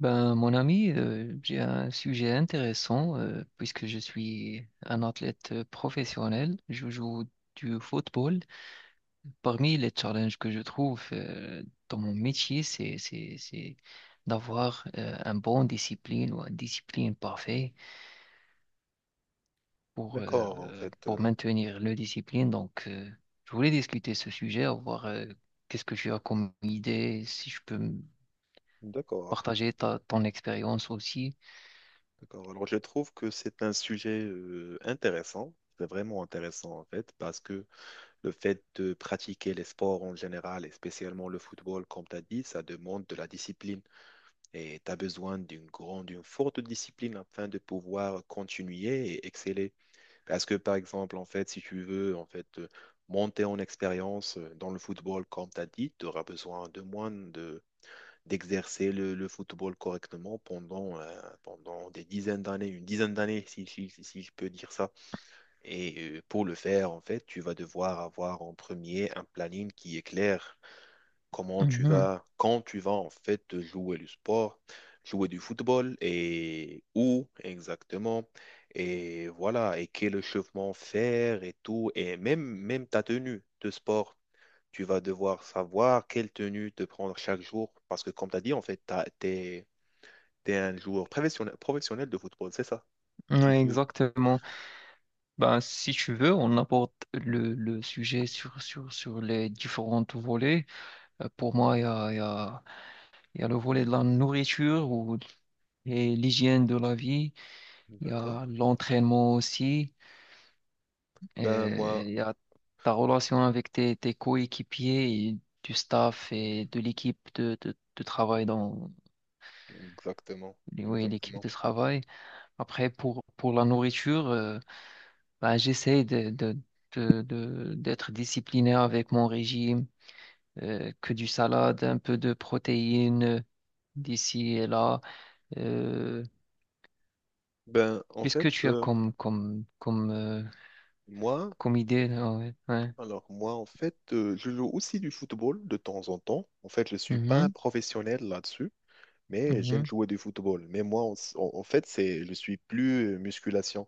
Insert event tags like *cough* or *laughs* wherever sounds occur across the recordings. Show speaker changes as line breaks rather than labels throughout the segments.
Mon ami, j'ai un sujet intéressant puisque je suis un athlète professionnel. Je joue du football. Parmi les challenges que je trouve dans mon métier, c'est d'avoir un bon discipline ou une discipline parfaite pour,
D'accord, en
euh,
fait.
pour maintenir le discipline. Donc, je voulais discuter ce sujet, voir qu'est-ce que tu as comme idée, si je peux me
D'accord,
partager ton expérience aussi.
d'accord. Alors, je trouve que c'est un sujet intéressant. C'est vraiment intéressant, en fait, parce que le fait de pratiquer les sports en général, et spécialement le football, comme tu as dit, ça demande de la discipline. Et tu as besoin d'une grande, d'une forte discipline afin de pouvoir continuer et exceller. Parce que, par exemple, en fait, si tu veux, en fait, monter en expérience dans le football, comme tu as dit, tu auras besoin de moins de d'exercer le football correctement pendant des dizaines d'années, une dizaine d'années, si je peux dire ça. Et pour le faire, en fait, tu vas devoir avoir en premier un planning qui est clair. Comment tu
Mhm.
vas, quand tu vas en fait jouer du sport, jouer du football et où exactement. Et voilà, et quel échauffement faire et tout, et même, même ta tenue de sport. Tu vas devoir savoir quelle tenue te prendre chaque jour. Parce que, comme tu as dit, en fait, t'es un joueur professionnel de football, c'est ça? Tu
Ouais,
joues.
exactement. Ben, si tu veux, on aborde le sujet sur les différents volets. Pour moi, il y a, il y a, il y a le volet de la nourriture ou, et l'hygiène de la vie. Il y
D'accord.
a l'entraînement aussi.
Ben, moi,
Il y a ta relation avec tes, tes coéquipiers et du staff et de l'équipe de travail dans
exactement.
oui, l'équipe
Exactement.
de travail. Après, pour la nourriture, ben, j'essaie d'être discipliné avec mon régime, que du salade, un peu de protéines d'ici et là. Euh,
Ben, en
qu'est-ce
fait,
que tu as
euh, moi,
comme idée? Là. Ouais. Ouais.
alors, moi, en fait, je joue aussi du football de temps en temps. En fait, je suis pas un
Mhm,
professionnel là-dessus, mais j'aime
mhm.
jouer du football. Mais moi, en fait, c'est, je suis plus musculation.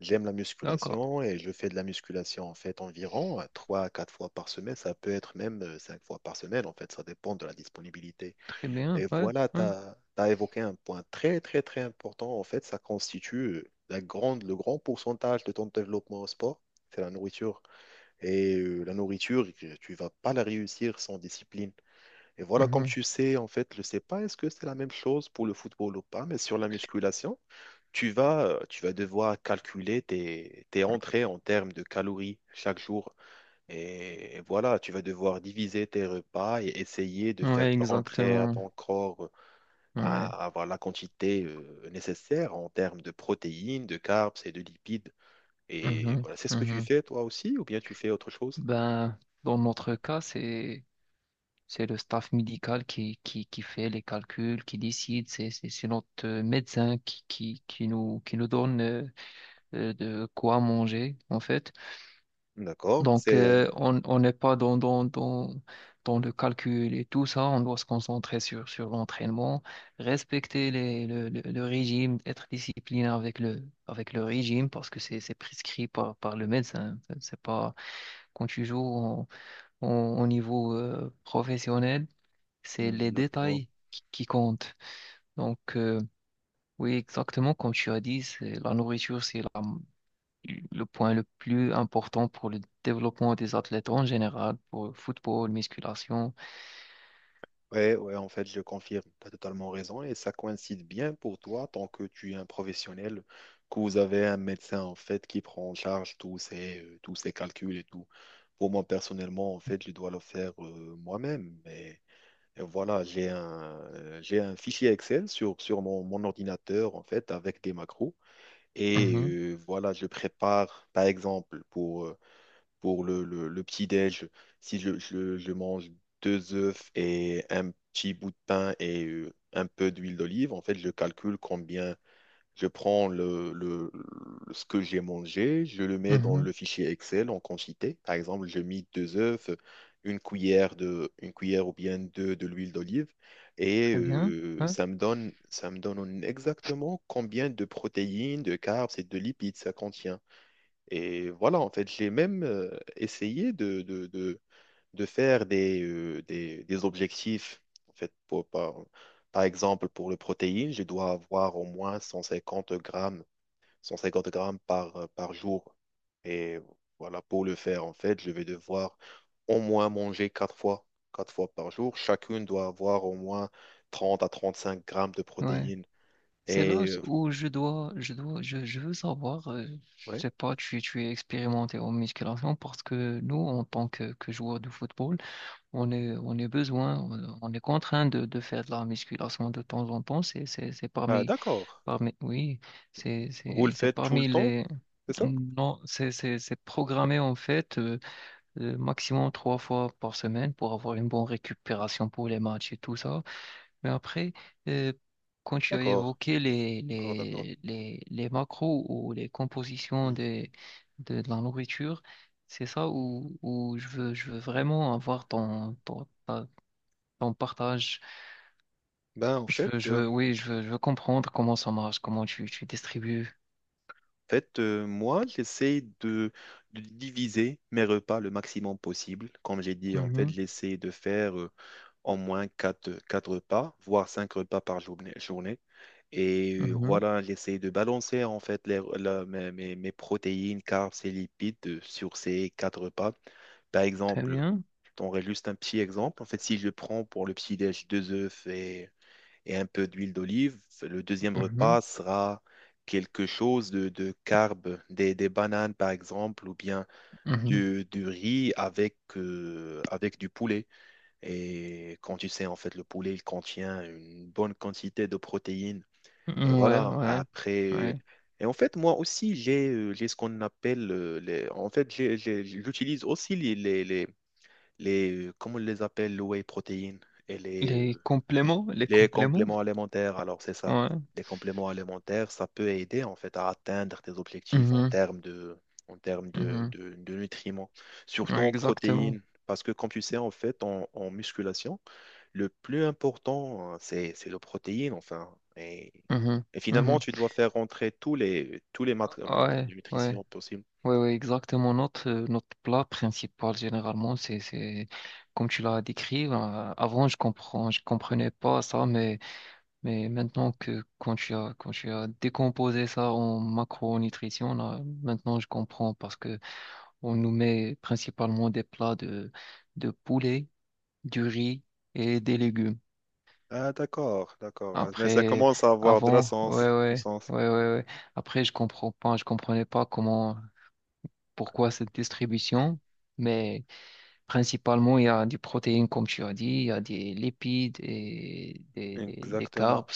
J'aime la
D'accord,
musculation et je fais de la musculation en fait environ 3 à 4 fois par semaine. Ça peut être même 5 fois par semaine en fait, ça dépend de la disponibilité.
très bien.
Et
Ouais,
voilà, tu
ouais.
as évoqué un point très très très important en fait, ça constitue le grand pourcentage de ton développement au sport, c'est la nourriture. Et la nourriture, tu vas pas la réussir sans discipline. Et voilà, comme
Mhm.
tu sais en fait, je sais pas est-ce que c'est la même chose pour le football ou pas, mais sur la musculation tu vas devoir calculer tes entrées en termes de calories chaque jour. Et voilà, tu vas devoir diviser tes repas et essayer de faire
Ouais,
rentrer à
exactement.
ton corps
Ouais.
à avoir la quantité nécessaire en termes de protéines, de carbs et de lipides. Et
Mhm,
voilà, c'est ce que tu
mhm.
fais toi aussi, ou bien tu fais autre chose?
Ben, dans notre cas, c'est le staff médical qui fait les calculs, qui décide. C'est notre médecin qui nous donne de quoi manger en fait.
D'accord,
Donc,
c'est
on n'est pas dans le calcul et tout ça. On doit se concentrer sur l'entraînement, respecter le régime, être discipliné avec avec le régime parce que c'est prescrit par le médecin. C'est pas quand tu joues au niveau professionnel, c'est
Mm,
les
exactement.
détails qui comptent. Donc, oui, exactement comme tu as dit, c'est la nourriture, c'est le point le plus important pour le développement des athlètes en général, pour le football, musculation.
Ouais, ouais, en fait, je confirme, tu as totalement raison et ça coïncide bien pour toi tant que tu es un professionnel, que vous avez un médecin en fait qui prend en charge tous tous ces calculs et tout. Pour moi, personnellement, en fait, je dois le faire moi-même. Mais et voilà, j'ai un fichier Excel sur mon ordinateur en fait avec des macros et
Mhm,
voilà, je prépare par exemple pour le petit-déj, si je mange deux œufs et un petit bout de pain et un peu d'huile d'olive, en fait, je calcule combien je prends ce que j'ai mangé, je le mets dans
mhm.
le fichier Excel en quantité. Par exemple, je mis deux œufs, une cuillère de, une cuillère ou bien deux de l'huile d'olive et
Très bien. Ouais,
ça me donne exactement combien de protéines, de carbs et de lipides ça contient. Et voilà, en fait, j'ai même essayé de faire des objectifs. En fait, par exemple, pour le protéine, je dois avoir au moins 150 grammes, 150 grammes par, par jour. Et voilà, pour le faire, en fait, je vais devoir au moins manger quatre fois par jour. Chacune doit avoir au moins 30 à 35 grammes de
ouais.
protéines.
C'est
Et
là où je veux savoir, je
ouais,
sais pas, tu es expérimenté en musculation parce que nous, en tant que joueurs de football, on est besoin, on est contraint de faire de la musculation de temps en temps. C'est
Ah,
parmi,
d'accord.
parmi, oui,
Vous le
c'est
faites tout le
parmi
temps,
les,
c'est ça?
non, c'est programmé en fait. Maximum 3 fois par semaine pour avoir une bonne récupération pour les matchs et tout ça. Mais après, euh, quand tu as
D'accord,
évoqué
d'accord, d'accord.
les macros ou les compositions
Hmm.
des, de la nourriture, c'est ça où, où je veux vraiment avoir ton partage.
Ben,
Je
en
veux, oui, je veux comprendre comment ça marche, comment tu distribues.
fait moi, j'essaie de diviser mes repas le maximum possible. Comme j'ai dit, en fait,
Mhm,
j'essaie de faire au moins quatre repas, voire 5 repas par journée. Et
mhm.
voilà, j'essaie de balancer en fait les, la- mes, mes- mes protéines, carbs et lipides sur ces 4 repas. Par
Très
exemple,
bien.
je t'en juste un petit exemple. En fait, si je prends pour le petit-déj deux œufs et un peu d'huile d'olive. Le deuxième
Mhm,
repas sera quelque chose de carb, des bananes par exemple, ou bien du riz avec, avec du poulet. Et quand tu sais, en fait, le poulet, il contient une bonne quantité de protéines. Et
mhm. Ouais,
voilà,
ouais,
après...
ouais.
Et en fait, moi aussi, j'ai ce qu'on appelle... En fait, j'utilise aussi Comment on les appelle, le whey protéine. Et
Les
les
compléments,
compléments alimentaires, alors c'est ça.
ouais.
Les compléments alimentaires, ça peut aider en fait à atteindre tes objectifs en
Mhm,
termes de, en termes de,
mhm,
de, de nutriments, surtout
ouais,
en
exactement.
protéines. Parce que comme tu sais, en fait, en musculation, le plus important, hein, c'est le protéine, enfin. Et,
Mhm,
et finalement,
mhm.
tu dois faire rentrer tous les
Ouais, ouais,
nutritions possibles.
ouais, ouais, exactement. Notre, notre plat principal, généralement, c'est comme tu l'as décrit, avant. Je comprenais pas ça, mais maintenant quand quand tu as décomposé ça en macronutrition, là maintenant je comprends, parce que on nous met principalement des plats de poulet, du riz et des légumes.
Ah, d'accord, d'accord. Mais ça
Après,
commence à avoir de la
avant, ouais,
sens, du
ouais,
sens.
ouais, ouais, ouais. Après, je comprenais pas comment, pourquoi cette distribution, mais principalement, il y a des protéines, comme tu as dit, il y a des lipides et des
Exactement.
carbs.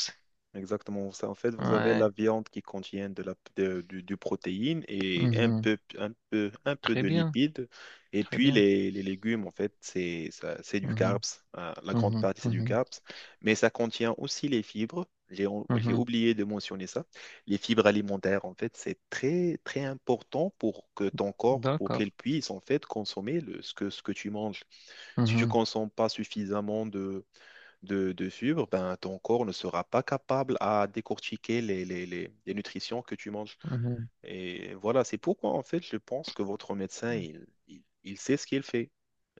Exactement ça. En fait, vous avez la
Ouais.
viande qui contient de la, de- du protéine et un
Mhm.
peu, un peu, un peu
Très
de
bien,
lipides. Et
très
puis
bien.
les légumes, en fait, c'est, c'est du
Mhm.
carbs. La grande
Mhm.
partie, c'est du
Mhm.
carbs. Mais ça contient aussi les fibres. J'ai
Mhm.
oublié de mentionner ça. Les fibres alimentaires, en fait, c'est très, très important pour que ton corps, pour
D'accord.
qu'il puisse, en fait, consommer ce que tu manges. Si tu
Mhm.
consommes pas suffisamment de suivre, ben, ton corps ne sera pas capable à décortiquer les nutritions que tu manges.
Mhm.
Et voilà, c'est pourquoi en fait je pense que votre médecin, il sait ce qu'il fait.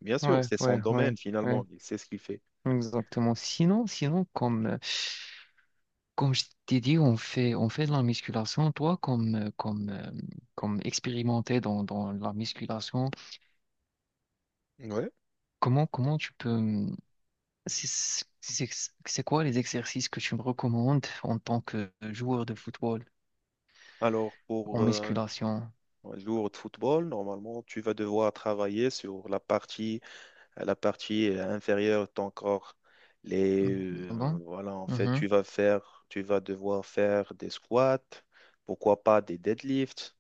Bien sûr,
Ouais,
c'est son
ouais, ouais,
domaine
ouais.
finalement, il sait ce qu'il fait.
Exactement. Sinon, sinon, comme je t'ai dit, on fait de la musculation. Toi, comme expérimenté dans la musculation,
Ouais.
comment tu peux... c'est c'est- c'est quoi les exercices que tu me recommandes en tant que joueur de football
Alors,
en
pour
musculation?
un jour de football, normalement, tu vas devoir travailler sur la partie inférieure de ton corps. Les,
Mhm. Ah bon?
voilà, en fait,
Mhm.
tu vas devoir faire des squats, pourquoi pas des deadlifts,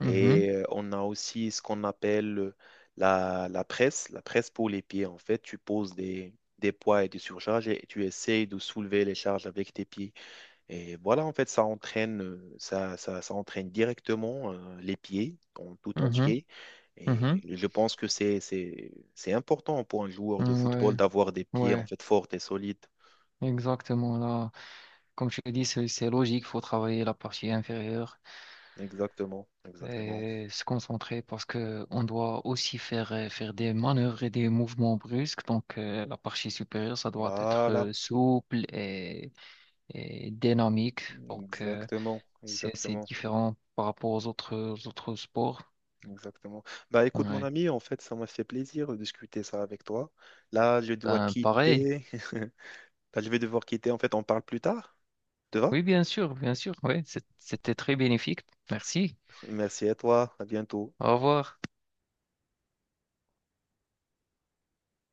Mhm.
Et on a aussi ce qu'on appelle la presse, la presse pour les pieds. En fait, tu poses des poids et des surcharges et tu essayes de soulever les charges avec tes pieds. Et voilà, en fait, ça entraîne directement les pieds en tout
Mhm.
entier. Et
Mhm.
je pense que c'est important pour un joueur de
Mhm.
football
Ouais,
d'avoir des pieds en
ouais,
fait forts et solides.
exactement. Là, comme je te dis, c'est logique, faut travailler la partie inférieure.
Exactement, exactement.
Et se concentrer parce que on doit aussi faire, faire des manœuvres et des mouvements brusques. Donc, la partie supérieure, ça doit être
Voilà,
souple et dynamique. Donc,
exactement,
c'est
exactement.
différent par rapport aux autres sports.
Exactement. Bah écoute mon
Ouais.
ami, en fait, ça m'a fait plaisir de discuter ça avec toi. Là, je dois
Ben, pareil.
quitter. *laughs* Là, je vais devoir quitter. En fait, on parle plus tard. Te va?
Oui, bien sûr, bien sûr. Oui, c'était très bénéfique. Merci.
Merci à toi. À bientôt.
Au revoir.